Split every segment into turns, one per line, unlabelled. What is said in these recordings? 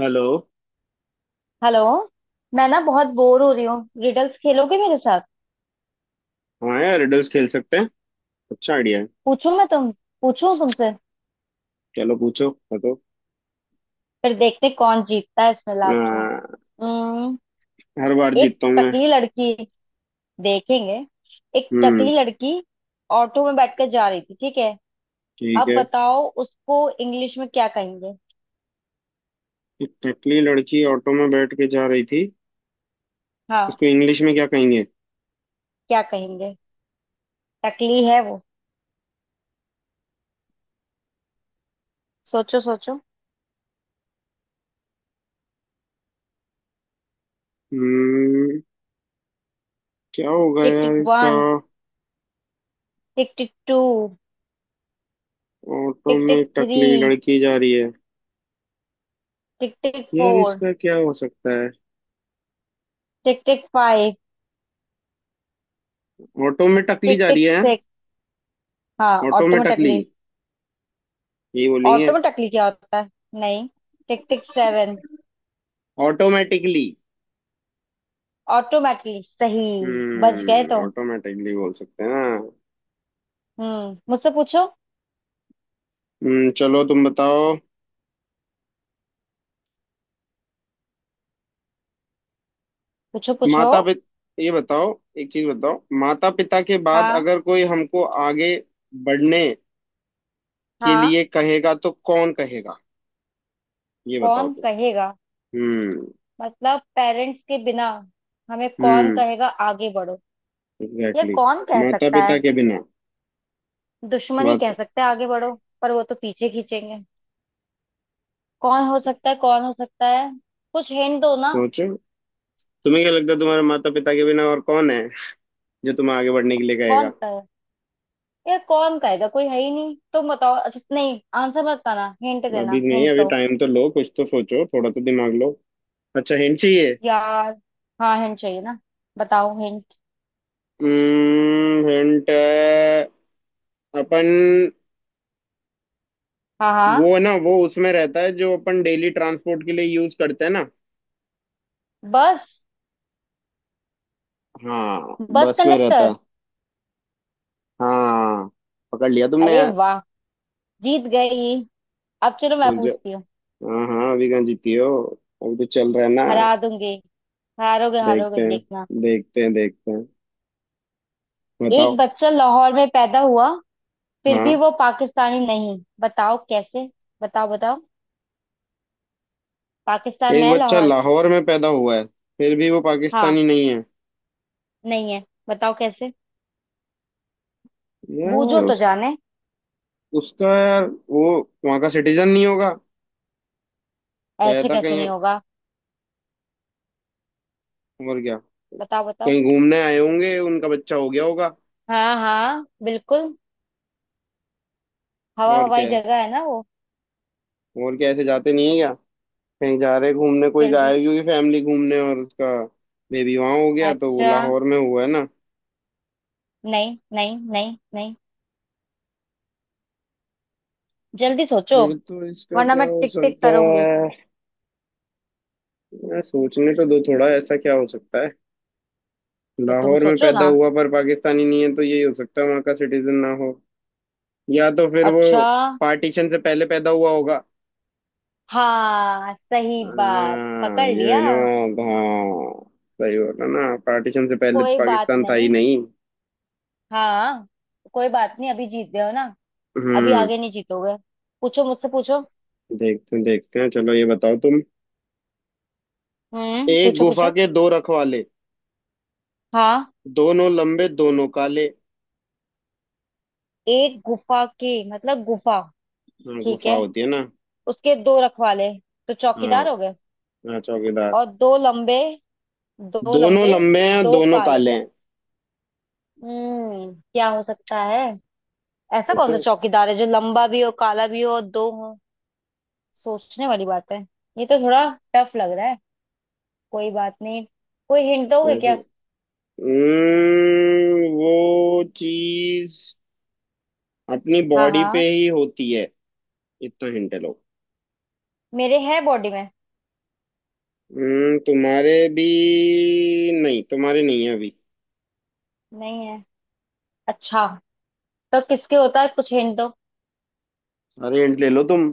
Hello.
Hello. मैं बहुत bore हो रही हूँ। रिडल्स खेलोगे मेरे साथ?
हाँ यार, रिडल्स खेल सकते हैं। अच्छा आइडिया है।
पूछूं मैं तुम पूछूं तुमसे?
चलो, पूछो बताओ।
फिर देखते कौन जीतता है इसमें लास्ट में।
आ,
हम्म।
हर बार
एक
जीतता हूँ मैं।
टकली लड़की, देखेंगे। एक
हम्म।
टकली लड़की ऑटो में बैठकर जा रही थी, ठीक है?
ठीक
अब
है।
बताओ उसको इंग्लिश में क्या कहेंगे?
एक टकली लड़की ऑटो में बैठ के जा रही थी।
हाँ,
इसको इंग्लिश में क्या कहेंगे?
क्या कहेंगे? टकली है वो। सोचो सोचो।
हम्म। क्या होगा
टिक टिक
यार इसका।
One. Tick tick two.
Auto
tick tick
में
थ्री।
टकली लड़की जा रही है।
टिक टिक
यार,
फोर।
इसका क्या हो सकता है?
Tick tick five.
ऑटो में टकली
टिक
जा
टिक
रही है हाँ?
सिक्स। हाँ,
ऑटो में टकली,
ऑटोमेटिकली।
यही बोलेंगे।
ऑटोमेटिकली क्या होता है? नहीं। Tick tick seven.
Automatically.
Automatically सही। बच गए तुम।
ऑटोमेटिकली बोल सकते हैं ना।
हम्म, मुझसे पूछो।
चलो तुम बताओ।
पूछो पूछो।
माता पिता ये बताओ। एक चीज बताओ, माता पिता के बाद
हाँ
अगर कोई हमको आगे बढ़ने के
हाँ।
लिए कहेगा तो कौन कहेगा? ये बताओ
कौन
तुम।
कहेगा?
हम्म
मतलब पेरेंट्स के बिना हमें कौन
हम्म।
कहेगा आगे बढ़ो? ये
एग्जैक्टली।
कौन कह
माता
सकता
पिता
है?
के बिना।
दुश्मन ही कह
माता
सकता है आगे बढ़ो। पर वो तो पीछे खींचेंगे। कौन हो सकता है, कौन हो सकता है? कुछ हिंट दो ना।
सोचो। तुम्हें क्या लगता है तुम्हारे माता पिता के बिना और कौन है जो तुम्हें आगे बढ़ने के लिए कहेगा?
कौन? यार कौन कहेगा, कोई है ही नहीं। तुम बताओ। अच्छा नहीं, आंसर मत बताना, हिंट
अभी
देना।
नहीं,
हिंट
अभी
दो
टाइम तो लो, कुछ तो सोचो, थोड़ा तो दिमाग लो। अच्छा, हिंट चाहिए।
यार। हाँ, हिंट चाहिए ना। बताओ हिंट।
हिंट। अपन
हाँ हाँ।
वो है ना, वो उसमें रहता है जो अपन डेली ट्रांसपोर्ट के लिए यूज करते हैं ना।
बस।
हाँ,
बस
बस में रहता
कंडक्टर।
है। हाँ, पकड़ लिया तुमने
अरे
यार।
वाह, जीत गई। अब चलो मैं
मुझे
पूछती हूँ।
हाँ हाँ, अभी कहाँ जीती हो? अभी तो चल रहा है ना।
हरा दूंगी। हारोगे
देखते
हारोगे,
हैं।
देखना।
देखते हैं देखते हैं।
एक
बताओ।
बच्चा लाहौर में पैदा हुआ, फिर भी
हाँ।
वो पाकिस्तानी नहीं। बताओ कैसे। बताओ बताओ। पाकिस्तान में
एक
है
बच्चा
लाहौर।
लाहौर में पैदा हुआ है, फिर भी वो
हाँ,
पाकिस्तानी नहीं है।
नहीं है। बताओ कैसे। बूझो
यार
तो
उस
जाने।
उसका यार वो वहाँ का सिटीजन नहीं होगा।
ऐसे
पैदा
कैसे
कहीं
नहीं होगा?
और क्या।
बताओ बताओ।
कहीं घूमने आए होंगे, उनका बच्चा हो गया होगा।
हाँ हाँ, बिल्कुल। हवा
और
हवाई
क्या है?
जगह है ना वो।
और क्या, ऐसे जाते नहीं है? कहीं जा रहे घूमने, कोई
जल्दी।
गायब ही हुई फैमिली घूमने और उसका बेबी वहां हो गया, तो वो
अच्छा।
लाहौर में हुआ है ना।
नहीं नहीं नहीं नहीं। जल्दी सोचो,
फिर तो इसका
वरना
क्या
मैं
हो
टिक टिक
सकता
करूंगी।
है? मैं सोचने तो दो, थोड़ा ऐसा क्या हो सकता है।
तो तुम
लाहौर में
सोचो
पैदा
ना।
हुआ पर पाकिस्तानी नहीं है, तो यही हो सकता है वहां का सिटीजन ना हो। या तो फिर वो
अच्छा।
पार्टीशन से पहले पैदा हुआ होगा।
हाँ, सही बात,
हाँ,
पकड़
ये
लिया।
भी ना। हाँ, सही बोला ना, पार्टीशन से पहले तो
कोई बात
पाकिस्तान था ही
नहीं।
नहीं।
हाँ, कोई बात नहीं, अभी जीत गए हो ना। अभी
हम्म।
आगे नहीं जीतोगे। पूछो मुझसे, पूछो।
देखते हैं देखते हैं, चलो ये बताओ तुम।
हम्म,
एक
पूछो
गुफा
पूछो।
के दो रखवाले,
हाँ।
दोनों लंबे दोनों काले।
एक गुफा के मतलब गुफा?
हाँ,
ठीक
गुफा
है,
होती है ना।
उसके दो रखवाले, तो
हाँ।
चौकीदार हो गए।
हाँ, चौकीदार।
और दो लंबे, दो
दोनों
लंबे,
लंबे हैं,
दो
दोनों
काले।
काले हैं।
हम्म, क्या हो सकता है? ऐसा कौन सा
सोचो।
चौकीदार है जो लंबा भी हो, काला भी हो, और दो हो? सोचने वाली बात है। ये तो थोड़ा टफ लग रहा है। कोई बात नहीं। कोई हिंट दोगे
कैसे?
क्या?
वो चीज अपनी
हाँ
बॉडी
हाँ।
पे ही होती है। इतना हिंट लो।
मेरे है बॉडी में।
तुम्हारे भी। नहीं, तुम्हारे नहीं है अभी।
नहीं है। अच्छा, तो किसके होता है? कुछ हिंट दो।
अरे, हिंट ले लो तुम।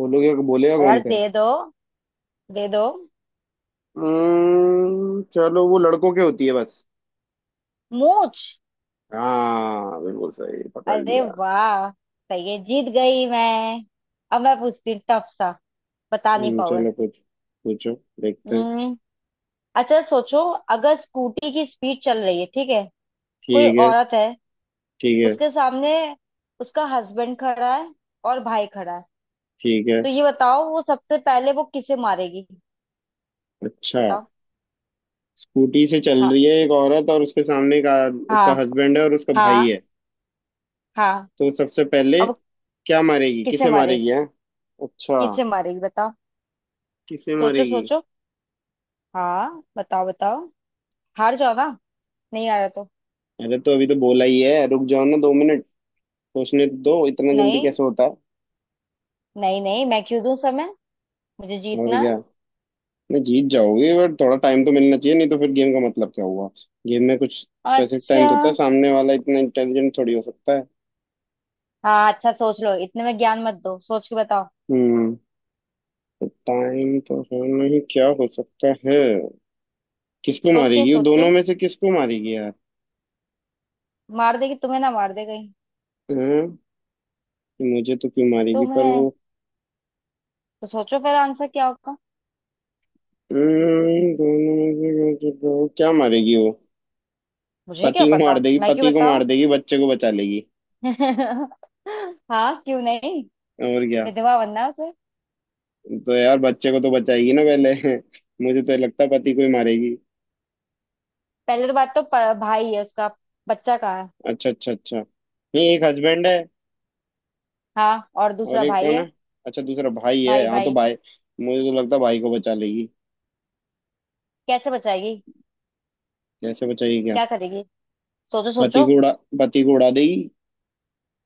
बोलोगे, बोलेगा
अरे यार,
कौन
दे
फिर।
दो, दे दो।
चलो वो लड़कों के होती है बस।
मूछ।
हाँ, बिल्कुल सही पकड़
अरे
लिया।
वाह, सही है, जीत गई मैं। अब मैं पूछती हूँ, टफ सा, बता नहीं पाओगे।
चलो कुछ पूछो। देखते हैं।
हम्म, अच्छा सोचो। अगर स्कूटी की स्पीड चल रही है, ठीक है? कोई
ठीक है।
औरत है,
ठीक है।
उसके सामने उसका हस्बैंड खड़ा है, और भाई खड़ा है।
ठीक है।
तो ये बताओ वो सबसे पहले वो किसे मारेगी?
अच्छा।
बताओ।
स्कूटी से चल
हाँ
रही है एक औरत और उसके सामने का
हाँ।
उसका हस्बैंड है और उसका भाई
हाँ
है।
हाँ।
तो सबसे पहले
अब वो
क्या मारेगी,
किसे
किसे
मारेगी?
मारेगी है? अच्छा।
किसे मारेगी, बताओ।
किसे
सोचो
मारेगी?
सोचो। हाँ, बताओ बताओ। हार जाओ ना। नहीं आ रहा तो।
अरे, तो अभी तो बोला ही है, रुक जाओ ना 2 मिनट। सोचने तो दो, इतना जल्दी
नहीं
कैसे होता है।
नहीं, नहीं मैं क्यों दूं समय? मुझे
और
जीतना है।
क्या। नहीं जीत जाओगे, बट थोड़ा टाइम तो मिलना चाहिए, नहीं तो फिर गेम का मतलब क्या हुआ। गेम में कुछ स्पेसिफिक टाइम
अच्छा,
तो होता है, सामने वाला इतना इंटेलिजेंट थोड़ी हो सकता है।
हाँ अच्छा, सोच लो, इतने में ज्ञान मत दो, सोच के बताओ।
हम्म। टाइम तो है। नहीं, क्या हो सकता है, किसको
सोचें
मारेगी वो, दोनों
सोचें।
में से किसको मारेगी यार।
मार देगी तुम्हें, ना मार दे कहीं
हाँ। मुझे तो क्यों मारेगी, पर
तुम्हें।
वो।
तो सोचो फिर आंसर क्या होगा।
दोनों में से क्या मारेगी वो।
मुझे क्या
पति को
पता,
मार देगी,
मैं क्यों
पति को
बताऊं।
मार देगी, बच्चे को बचा लेगी।
हाँ, क्यों नहीं?
और क्या।
विधवा बनना है उसे।
तो यार बच्चे को तो बचाएगी ना पहले। मुझे तो लगता है पति को ही मारेगी।
पहले तो बात तो भाई है उसका। बच्चा कहाँ है?
अच्छा अच्छा अच्छा, नहीं एक हस्बैंड है
हाँ, और
और
दूसरा
एक
भाई
कौन
है।
है? अच्छा, दूसरा भाई
भाई
है, हाँ तो
भाई।
भाई। मुझे तो लगता है भाई को बचा लेगी।
कैसे बचाएगी?
कैसे बचाएगी क्या?
क्या करेगी? सोचो
पति
सोचो।
को उड़ा पति को उड़ा देगी।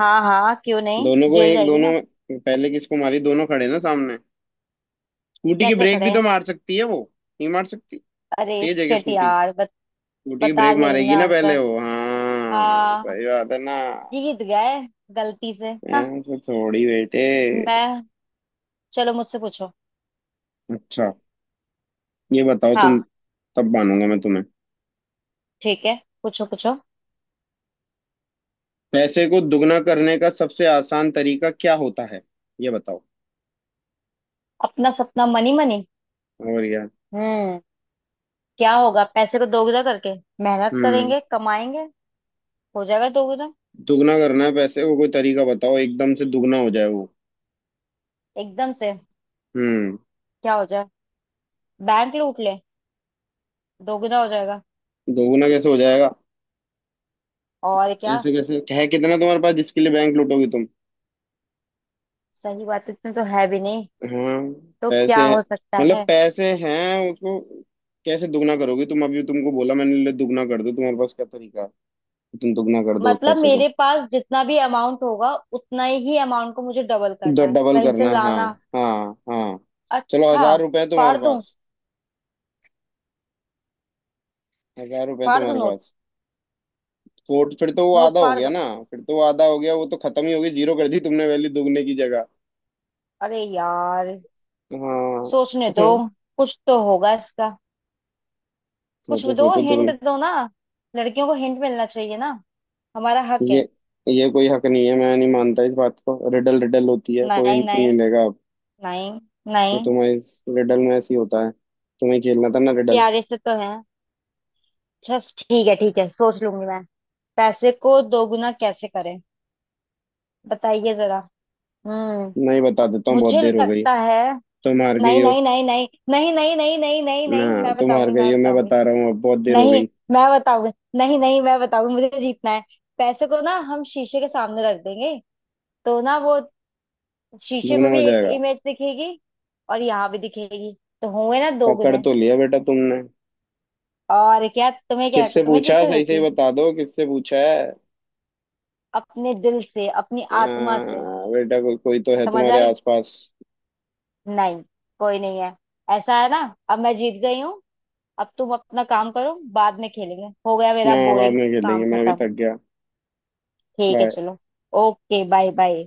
हाँ हाँ, क्यों नहीं,
दोनों को
जेल
एक
जाएगी
दोनों
ना।
पहले किसको मारी, दोनों खड़े ना सामने। स्कूटी की
कैसे
ब्रेक
खड़े
भी तो
हैं?
मार सकती है वो, नहीं मार सकती?
अरे
तेज है क्या
शिट
स्कूटी?
यार,
स्कूटी की
बता
ब्रेक
दिया तुमने
मारेगी ना पहले
आंसर।
वो, हाँ
हाँ,
सही बात है ना।
जीत गए, गलती से। हाँ,
ऐसे थोड़ी बेटे।
मैं, चलो मुझसे पूछो।
अच्छा, ये बताओ तुम,
हाँ,
तब मानूंगा मैं तुम्हें।
ठीक है, पूछो पूछो।
पैसे को दुगना करने का सबसे आसान तरीका क्या होता है, ये बताओ।
अपना सपना मनी मनी।
और यार।
हम्म, क्या होगा पैसे को दोगुना करके? मेहनत
हम्म।
करेंगे, कमाएंगे, हो जाएगा दोगुना।
दुगना करना है पैसे को, कोई तरीका बताओ, एकदम से दुगना हो जाए वो।
एकदम से
हम्म।
क्या हो जाए? बैंक लूट ले, दोगुना हो जाएगा।
दोगुना कैसे हो जाएगा?
और क्या।
ऐसे कैसे है, कितना तुम्हारे पास जिसके लिए बैंक लूटोगी तुम।
सही बात, इतने तो है भी नहीं।
हाँ।
तो क्या
पैसे
हो सकता
मतलब
है?
पैसे हैं उसको, कैसे दुगना करोगी तुम? अभी तुमको बोला मैंने, ले दुगना कर दो, तुम्हारे पास क्या तरीका है कि तुम दुगना कर दो उस
मतलब
पैसे
मेरे
को।
पास जितना भी अमाउंट होगा, उतना ही अमाउंट को मुझे डबल करना है,
डबल
कहीं से
करना है, हाँ।
लाना।
हाँ हाँ। चलो
अच्छा।
1,000 रुपए है
फाड़
तुम्हारे
दूं।
पास। 1,000 रुपए है
फाड़ दूं
तुम्हारे
नोट।
पास। फोर्ट फिर तो वो
नोट
आधा हो
फाड़
गया
दूं।
ना। फिर तो वो आधा हो गया, वो तो खत्म ही हो गई, जीरो कर दी तुमने वैल्यू दुगने की जगह।
अरे यार,
हाँ।
सोचने दो। कुछ तो होगा इसका। कुछ
सोचो
दो,
सोचो
हिंट
तुम।
दो ना। लड़कियों को हिंट मिलना चाहिए ना, हमारा हक
ये
है।
ये कोई हक नहीं है, मैं नहीं मानता इस बात को, रिडल रिडल होती है, कोई
नहीं
नहीं
नहीं
मिलेगा अब।
नहीं
ये
नहीं।
तुम्हें इस रिडल में ऐसे ही होता है, तुम्हें खेलना था ना रिडल।
प्यारे से तो है। अच्छा, ठीक है ठीक है, सोच लूंगी मैं। पैसे को दोगुना कैसे करें? बताइए जरा। हम्म,
नहीं, बता देता हूँ, बहुत
मुझे
देर हो गई।
लगता है,
तुम हार गई
नहीं
हो।
नहीं नहीं नहीं। नहीं नहीं नहीं नहीं नहीं
ना,
नहीं। मैं
तुम हार
बताऊंगी, मैं
गई हो, मैं
बताऊंगी।
बता रहा हूँ, अब बहुत देर हो
नहीं,
गई।
मैं बताऊंगी। नहीं नहीं, मैं बताऊंगी, मुझे जीतना है। पैसे को ना हम शीशे के सामने रख देंगे, तो ना वो शीशे
दुगना
में भी
हो
एक
जाएगा।
इमेज दिखेगी, और यहाँ भी दिखेगी, तो होंगे ना दो
पकड़
गुने।
तो लिया बेटा तुमने।
और क्या तुम्हें क्या लगता है,
किससे
तुम्हें
पूछा है?
जीतने
सही से
देती?
ही बता दो, किससे पूछा है?
अपने दिल से, अपनी आत्मा से।
बेटा, कोई कोई तो है
समझ
तुम्हारे
आई?
आसपास।
नहीं, कोई नहीं है, ऐसा है ना। अब मैं जीत गई हूँ। अब तुम अपना काम करो, बाद में खेलेंगे, हो गया मेरा
ना, बाद
बोरिंग।
में
काम
खेलेंगे, मैं अभी
खत्म।
थक गया।
ठीक है
बाय।
चलो। Okay, bye bye.